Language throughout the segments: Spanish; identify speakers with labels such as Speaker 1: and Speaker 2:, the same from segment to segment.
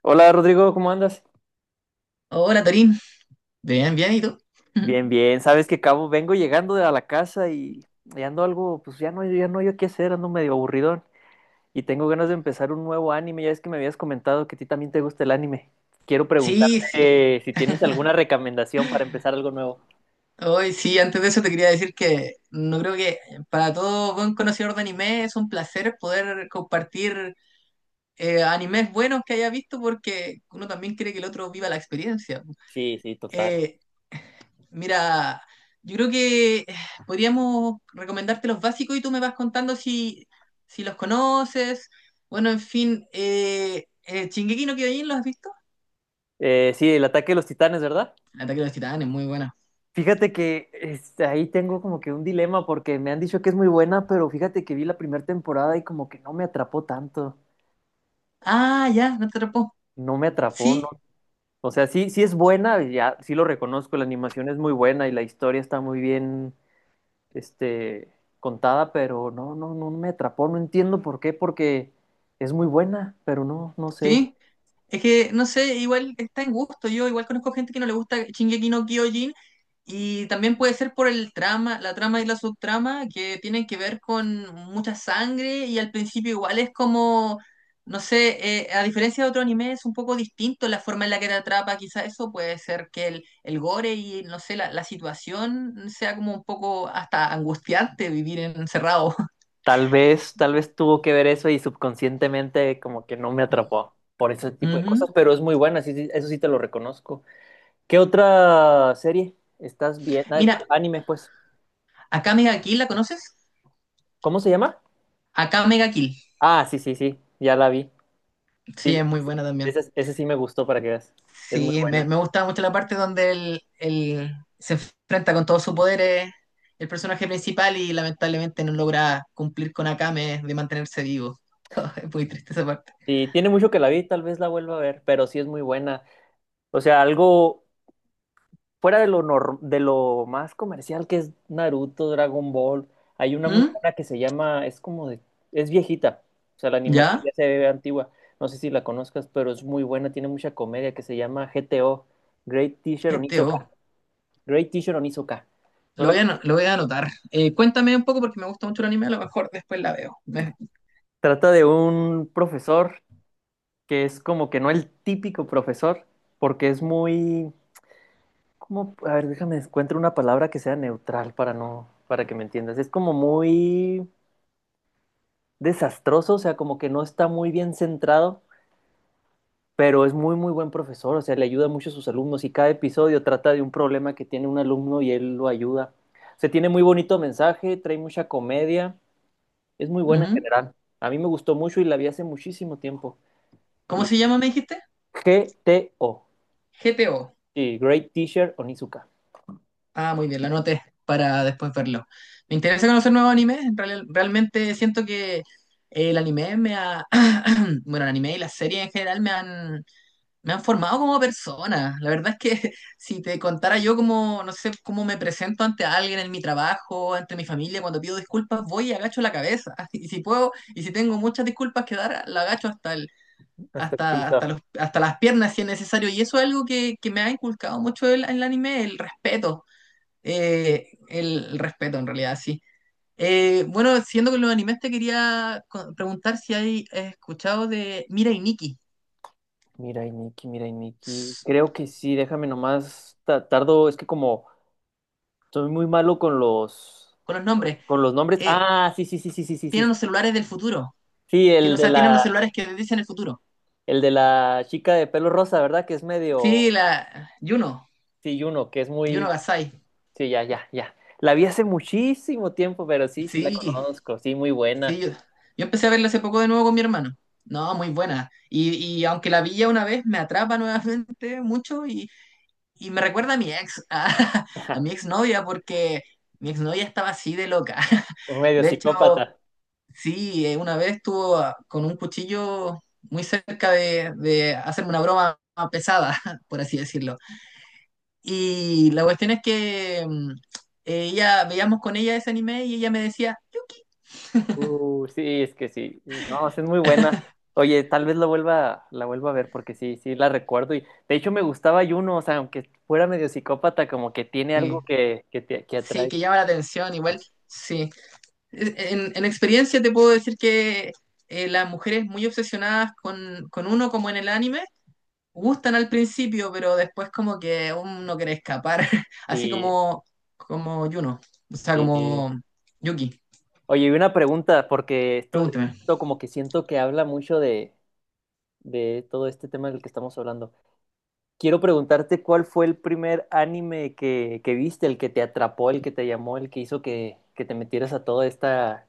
Speaker 1: Hola Rodrigo, ¿cómo andas?
Speaker 2: Hola Torín, bien, bien, ¿y tú?
Speaker 1: Bien, bien. Sabes que cabo, vengo llegando de a la casa y ando algo, pues ya no yo qué hacer, ando medio aburridón y tengo ganas de empezar un nuevo anime. Ya es que me habías comentado que a ti también te gusta el anime. Quiero
Speaker 2: Sí, sí.
Speaker 1: preguntarte si tienes alguna recomendación para empezar algo nuevo.
Speaker 2: Hoy sí, antes de eso te quería decir que no creo que para todo buen conocedor de anime es un placer poder compartir animes buenos que haya visto porque uno también quiere que el otro viva la experiencia.
Speaker 1: Sí, sí, total.
Speaker 2: Eh, mira, yo creo que podríamos recomendarte los básicos y tú me vas contando si los conoces. Bueno, en fin, Shingeki no Kyojin, ¿lo has visto?
Speaker 1: Sí, el ataque de los titanes, ¿verdad?
Speaker 2: El ataque de los titanes, muy buena.
Speaker 1: Fíjate que este, ahí tengo como que un dilema porque me han dicho que es muy buena, pero fíjate que vi la primera temporada y como que no me atrapó tanto.
Speaker 2: Ah, ya, no te atrapó.
Speaker 1: No me atrapó.
Speaker 2: Sí,
Speaker 1: O sea, sí, sí es buena, ya, sí lo reconozco, la animación es muy buena y la historia está muy bien, este, contada, pero no me atrapó, no entiendo por qué, porque es muy buena, pero no, no sé.
Speaker 2: sí. Es que, no sé, igual está en gusto. Yo igual conozco gente que no le gusta Shingeki no Kyojin y también puede ser por el trama, la trama y la subtrama que tienen que ver con mucha sangre y al principio igual es como, no sé, a diferencia de otro anime es un poco distinto la forma en la que te atrapa. Quizá eso puede ser que el gore y, no sé, la situación sea como un poco hasta angustiante vivir encerrado.
Speaker 1: Tal vez tuvo que ver eso y subconscientemente como que no me atrapó por ese tipo de cosas,
Speaker 2: Ujú.
Speaker 1: pero es muy buena, sí, sí, eso sí te lo reconozco. ¿Qué otra serie estás viendo? Ah, de
Speaker 2: Mira,
Speaker 1: anime, pues.
Speaker 2: acá Mega Kill, ¿la conoces?
Speaker 1: ¿Cómo se llama?
Speaker 2: Acá Mega Kill.
Speaker 1: Ah, sí, sí, sí, ya la vi.
Speaker 2: Sí,
Speaker 1: Sí,
Speaker 2: es muy buena también.
Speaker 1: ese sí me gustó para que veas. Es muy
Speaker 2: Sí,
Speaker 1: buena.
Speaker 2: me gusta mucho la parte donde él se enfrenta con todos sus poderes, el personaje principal, y lamentablemente no logra cumplir con Akame de mantenerse vivo. Es muy triste esa parte.
Speaker 1: Y tiene mucho que la vi, tal vez la vuelva a ver, pero sí es muy buena. O sea, algo fuera de lo, de lo más comercial que es Naruto, Dragon Ball. Hay una muy
Speaker 2: ¿Mm?
Speaker 1: buena que se llama, es como de, es viejita. O sea, la animación ya
Speaker 2: ¿Ya?
Speaker 1: se ve antigua. No sé si la conozcas, pero es muy buena, tiene mucha comedia, que se llama GTO, Great Teacher
Speaker 2: Este
Speaker 1: Onizuka.
Speaker 2: oh.
Speaker 1: Great Teacher Onizuka. ¿No la-
Speaker 2: Lo voy a anotar. Cuéntame un poco porque me gusta mucho el anime, a lo mejor después la veo.
Speaker 1: Trata de un profesor que es como que no el típico profesor, porque es muy, como, a ver, déjame encuentro una palabra que sea neutral para no, para que me entiendas. Es como muy desastroso, o sea, como que no está muy bien centrado, pero es muy, muy buen profesor, o sea, le ayuda mucho a sus alumnos y cada episodio trata de un problema que tiene un alumno y él lo ayuda. Se tiene muy bonito mensaje, trae mucha comedia, es muy buena en
Speaker 2: Ujú.
Speaker 1: general. A mí me gustó mucho y la vi hace muchísimo tiempo.
Speaker 2: ¿Cómo
Speaker 1: Y
Speaker 2: se llama, me dijiste?
Speaker 1: G T O
Speaker 2: GTO.
Speaker 1: y Great Teacher Onizuka.
Speaker 2: Ah, muy bien, lo anoté para después verlo. Me interesa conocer nuevos animes. Realmente siento que el anime me ha... Bueno, el anime y las series en general me han formado como persona. La verdad es que si te contara yo cómo, no sé, cómo me presento ante alguien en mi trabajo, ante mi familia, cuando pido disculpas, voy y agacho la cabeza. Y si puedo, y si tengo muchas disculpas que dar, la agacho hasta el...
Speaker 1: Hasta el piso.
Speaker 2: Hasta las piernas si es necesario. Y eso es algo que me ha inculcado mucho el anime, el respeto. El respeto, en realidad, sí. Bueno, siendo con los animes, te quería preguntar si hay escuchado de Mira y Nikki,
Speaker 1: Mira, y Nicky, mira, y Nicky.
Speaker 2: s-
Speaker 1: Creo que sí, déjame nomás. Tardo, es que como soy muy malo con los
Speaker 2: con los nombres.
Speaker 1: nombres.
Speaker 2: Eh,
Speaker 1: Ah, sí, sí, sí, sí, sí, sí,
Speaker 2: Tienen
Speaker 1: sí.
Speaker 2: los celulares del futuro.
Speaker 1: Sí,
Speaker 2: Tienen, o sea, tienen los celulares que dicen el futuro.
Speaker 1: el de la chica de pelo rosa, ¿verdad? Que es medio
Speaker 2: Sí, la Juno,
Speaker 1: sí, uno, que es
Speaker 2: Juno
Speaker 1: muy.
Speaker 2: Gasai.
Speaker 1: Sí, ya, ya, ya. La vi hace muchísimo tiempo, pero sí, sí la
Speaker 2: Sí,
Speaker 1: conozco. Sí, muy
Speaker 2: sí.
Speaker 1: buena.
Speaker 2: Yo empecé a verla hace poco de nuevo con mi hermano. No, muy buena. Y aunque la vi ya una vez, me atrapa nuevamente mucho y me recuerda a mi ex, a mi exnovia, porque mi exnovia estaba así de loca.
Speaker 1: Un medio
Speaker 2: De
Speaker 1: psicópata.
Speaker 2: hecho, sí, una vez estuvo con un cuchillo muy cerca de hacerme una broma pesada, por así decirlo. Y la cuestión es que veíamos con ella ese anime y ella me decía, Yuki.
Speaker 1: Sí, es que sí. No, sí es muy buena. Oye, tal vez la vuelva a ver porque sí, sí la recuerdo. Y de hecho me gustaba Juno, o sea, aunque fuera medio psicópata, como que tiene algo
Speaker 2: Sí,
Speaker 1: que te que
Speaker 2: sí,
Speaker 1: atrae.
Speaker 2: que llama la atención, igual, sí. En experiencia te puedo decir que las mujeres muy obsesionadas con uno como en el anime, gustan al principio, pero después como que uno quiere escapar, así
Speaker 1: Sí,
Speaker 2: como Yuno, o sea,
Speaker 1: sí.
Speaker 2: como Yuki,
Speaker 1: Oye, y una pregunta, porque esto,
Speaker 2: pregúnteme.
Speaker 1: esto como que siento que habla mucho de todo este tema del que estamos hablando. Quiero preguntarte cuál fue el primer anime que viste, el que te atrapó, el que te llamó, el que hizo que te metieras a toda esta,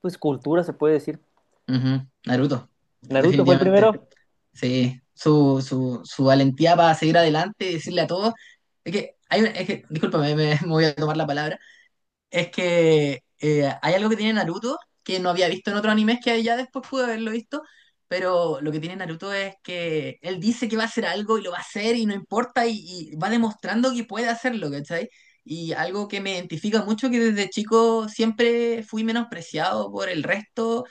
Speaker 1: pues, cultura, se puede decir.
Speaker 2: Ujú, Naruto,
Speaker 1: ¿Naruto fue el primero?
Speaker 2: definitivamente. Sí, su valentía para seguir adelante y decirle a todos, es que discúlpame, me voy a tomar la palabra. Es que hay algo que tiene Naruto que no había visto en otro anime que ya después pude haberlo visto, pero lo que tiene Naruto es que él dice que va a hacer algo y lo va a hacer y no importa y va demostrando que puede hacerlo, ¿cachai? Y algo que me identifica mucho que desde chico siempre fui menospreciado por el resto,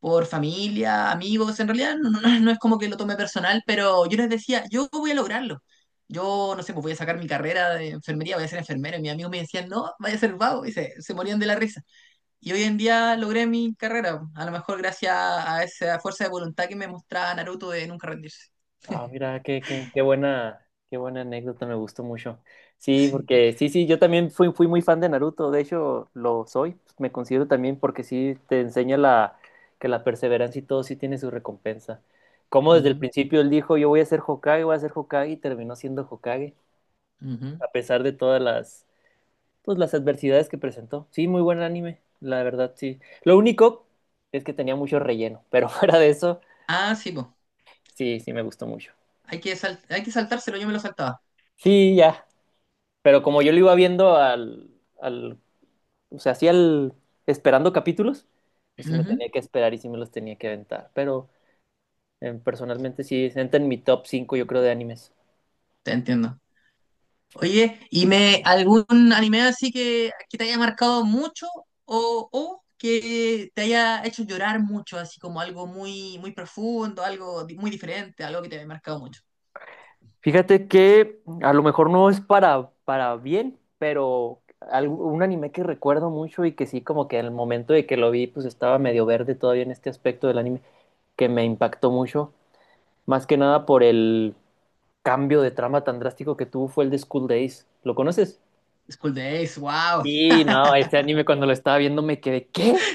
Speaker 2: por familia, amigos, en realidad no, no es como que lo tome personal, pero yo les decía, yo voy a lograrlo. Yo, no sé, pues voy a sacar mi carrera de enfermería, voy a ser enfermero. Y mis amigos me decían, no, vaya a ser vago. Y se morían de la risa. Y hoy en día logré mi carrera, a lo mejor gracias a esa fuerza de voluntad que me mostraba Naruto de nunca rendirse.
Speaker 1: Ah, mira, qué buena anécdota, me gustó mucho. Sí,
Speaker 2: Sí.
Speaker 1: porque sí, sí, yo también fui muy fan de Naruto, de hecho lo soy, me considero también porque sí te enseña que la perseverancia y todo sí tiene su recompensa. Como desde el
Speaker 2: Ujú,
Speaker 1: principio él dijo, yo voy a ser Hokage, voy a ser Hokage y terminó siendo Hokage,
Speaker 2: ujú.
Speaker 1: a pesar de todas las, pues, las adversidades que presentó. Sí, muy buen anime, la verdad, sí. Lo único es que tenía mucho relleno, pero fuera de eso,
Speaker 2: Ah, sí, pues.
Speaker 1: sí, sí me gustó mucho.
Speaker 2: Hay que saltárselo, yo me lo saltaba.
Speaker 1: Sí, ya. Pero como yo lo iba viendo al, o sea, así al, esperando capítulos, pues sí me
Speaker 2: Ujú.
Speaker 1: tenía que esperar y sí me los tenía que aventar. Pero personalmente sí, entra en mi top 5 yo creo, de animes.
Speaker 2: Te entiendo. Oye, ¿y me algún anime así que te haya marcado mucho o que te haya hecho llorar mucho, así como algo muy, muy profundo, muy diferente, algo que te haya marcado mucho?
Speaker 1: Fíjate que a lo mejor no es para bien, pero un anime que recuerdo mucho y que sí, como que en el momento de que lo vi, pues estaba medio verde todavía en este aspecto del anime, que me impactó mucho, más que nada por el cambio de trama tan drástico que tuvo fue el de School Days. ¿Lo conoces?
Speaker 2: School Days, wow.
Speaker 1: Y no, ese anime cuando lo estaba viendo me quedé, ¿qué?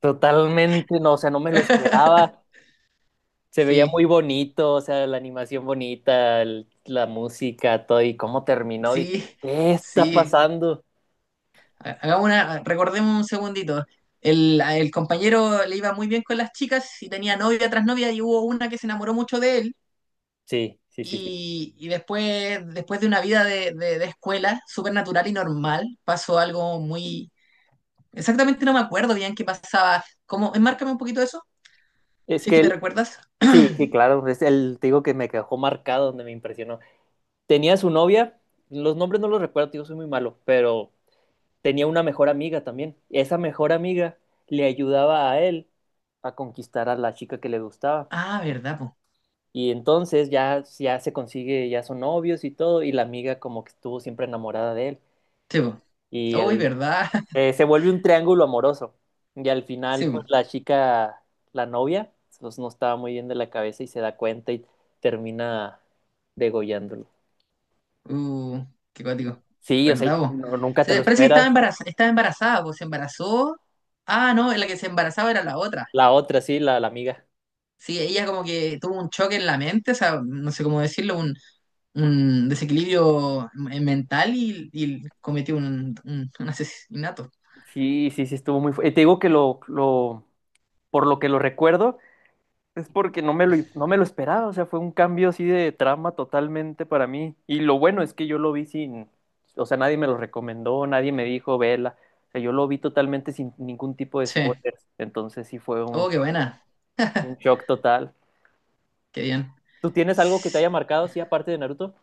Speaker 1: Totalmente, no, o sea, no me lo esperaba. Se veía muy
Speaker 2: Sí,
Speaker 1: bonito, o sea, la animación bonita, la música, todo, y cómo terminó, dije,
Speaker 2: sí,
Speaker 1: ¿qué está
Speaker 2: sí.
Speaker 1: pasando?
Speaker 2: Hagamos una, recordemos un segundito. El compañero le iba muy bien con las chicas y tenía novia tras novia y hubo una que se enamoró mucho de él
Speaker 1: Sí, sí, sí, sí.
Speaker 2: y después de una vida de escuela súper natural y normal pasó algo muy... Exactamente no me acuerdo bien qué pasaba. ¿Cómo? Enmárcame un poquito eso,
Speaker 1: Es
Speaker 2: si es
Speaker 1: que
Speaker 2: que te
Speaker 1: él,
Speaker 2: recuerdas.
Speaker 1: sí, sí, claro, es el, te digo que me dejó marcado donde me impresionó. Tenía su novia, los nombres no los recuerdo, tío, soy muy malo, pero tenía una mejor amiga también. Esa mejor amiga le ayudaba a él a conquistar a la chica que le gustaba.
Speaker 2: Ah, verdad, po.
Speaker 1: Y entonces ya, ya se consigue, ya son novios y todo, y la amiga como que estuvo siempre enamorada de él.
Speaker 2: Sí, po.
Speaker 1: Y
Speaker 2: Uy,
Speaker 1: él
Speaker 2: verdad.
Speaker 1: se vuelve un triángulo amoroso. Y al final,
Speaker 2: Sí,
Speaker 1: pues
Speaker 2: po.
Speaker 1: la chica, la novia, pues, no estaba muy bien de la cabeza y se da cuenta y termina degollándolo.
Speaker 2: Uh, Qué cuático.
Speaker 1: Sí, o sea,
Speaker 2: ¿Verdad, vos?
Speaker 1: nunca te lo
Speaker 2: Parece que
Speaker 1: esperas.
Speaker 2: estaba embarazada, vos, se embarazó. Ah, no, la que se embarazaba era la otra.
Speaker 1: La otra, sí, la amiga.
Speaker 2: Sí, ella como que tuvo un choque en la mente, o sea, no sé cómo decirlo, un desequilibrio mental y cometió un asesinato.
Speaker 1: Sí, sí, sí, estuvo muy fuerte. Te digo que por lo que lo recuerdo, es porque no me no me lo esperaba, o sea, fue un cambio así de trama totalmente para mí. Y lo bueno es que yo lo vi sin, o sea, nadie me lo recomendó, nadie me dijo, vela. O sea, yo lo vi totalmente sin ningún tipo de
Speaker 2: Sí.
Speaker 1: spoilers. Entonces sí fue
Speaker 2: Oh, qué buena,
Speaker 1: un shock total.
Speaker 2: qué bien.
Speaker 1: ¿Tú tienes algo que te haya
Speaker 2: Sí.
Speaker 1: marcado, sí, aparte de Naruto?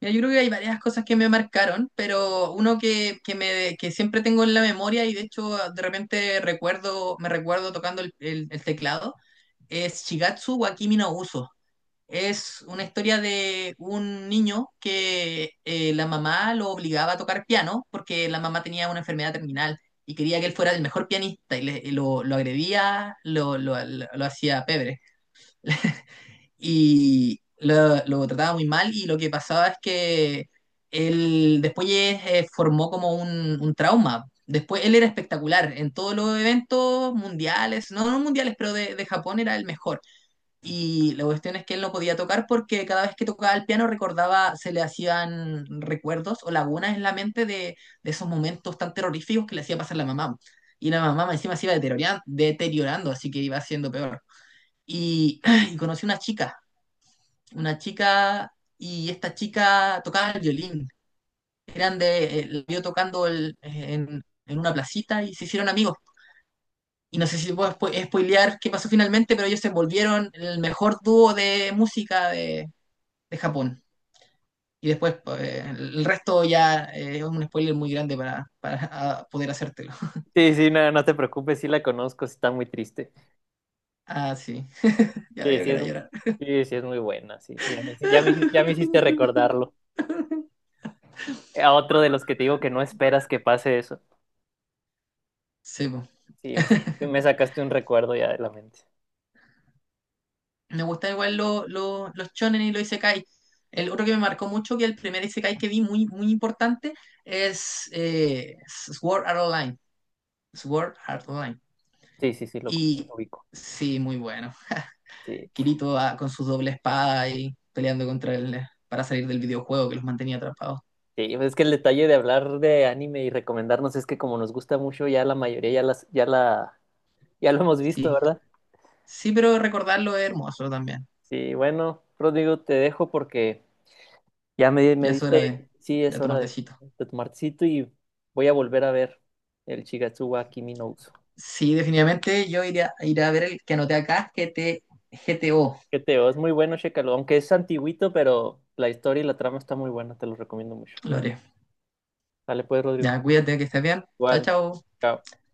Speaker 2: Mira, yo creo que hay varias cosas que me marcaron, pero uno que siempre tengo en la memoria y de hecho de repente recuerdo, me recuerdo tocando el teclado es Shigatsu wa Kimi no Uso. Es una historia de un niño que la mamá lo obligaba a tocar piano porque la mamá tenía una enfermedad terminal y quería que él fuera el mejor pianista y y lo agredía, lo hacía pebre y lo trataba muy mal y lo que pasaba es que él después formó como un trauma. Después él era espectacular en todos los eventos mundiales, no, no mundiales, pero de Japón era el mejor y la cuestión es que él no podía tocar porque cada vez que tocaba el piano recordaba, se le hacían recuerdos o lagunas en la mente de esos momentos tan terroríficos que le hacía pasar la mamá. Y la mamá encima se iba deteriorando, deteriorando así que iba siendo peor. Y, y conocí una chica, y esta chica tocaba el violín. Eran de, la vio tocando en una placita y se hicieron amigos. Y no sé si puedo spoilear qué pasó finalmente, pero ellos se volvieron el mejor dúo de música de Japón. Y después pues, el resto ya es un spoiler muy grande para poder hacértelo.
Speaker 1: Sí, sí, no, no te preocupes, sí la conozco, sí está muy triste.
Speaker 2: Ah, sí. Ya
Speaker 1: Sí,
Speaker 2: veo
Speaker 1: sí
Speaker 2: que
Speaker 1: es,
Speaker 2: era llorar.
Speaker 1: sí, sí es muy buena, sí, sí, ya me, ya me hiciste recordarlo. A otro de los que te digo que no esperas que pase eso.
Speaker 2: Sí, po.
Speaker 1: Sí, me, me sacaste un recuerdo ya de la mente.
Speaker 2: Me gustan igual los shonen y los isekai. El otro que me marcó mucho, que el primer isekai que vi muy, muy importante, es Sword Art Online. Sword Art Online.
Speaker 1: Sí, sí, sí,
Speaker 2: Y
Speaker 1: lo ubico.
Speaker 2: sí, muy bueno.
Speaker 1: Sí,
Speaker 2: Kirito con su doble espada y peleando contra él para salir del videojuego que los mantenía atrapados.
Speaker 1: sí, pues es que el detalle de hablar de anime y recomendarnos es que como nos gusta mucho, ya la mayoría ya la, ya lo hemos visto,
Speaker 2: Sí,
Speaker 1: ¿verdad?
Speaker 2: sí, pero recordarlo es hermoso también.
Speaker 1: Sí, bueno, Rodrigo, te dejo porque ya me
Speaker 2: Ya es hora
Speaker 1: diste, sí, es
Speaker 2: de
Speaker 1: hora
Speaker 2: tomar tecito.
Speaker 1: de tomarcito y voy a volver a ver el Shigatsuwa Kimi no Uso.
Speaker 2: Sí, definitivamente yo iré iré a ver el que anoté acá, GTO.
Speaker 1: Que teo, es muy bueno, chécalo, aunque es antiguito, pero la historia y la trama está muy buena, te lo recomiendo mucho.
Speaker 2: Lo haré.
Speaker 1: Dale pues, Rodrigo.
Speaker 2: Ya, cuídate, que estés bien. Chao,
Speaker 1: Igual,
Speaker 2: chao.
Speaker 1: chao.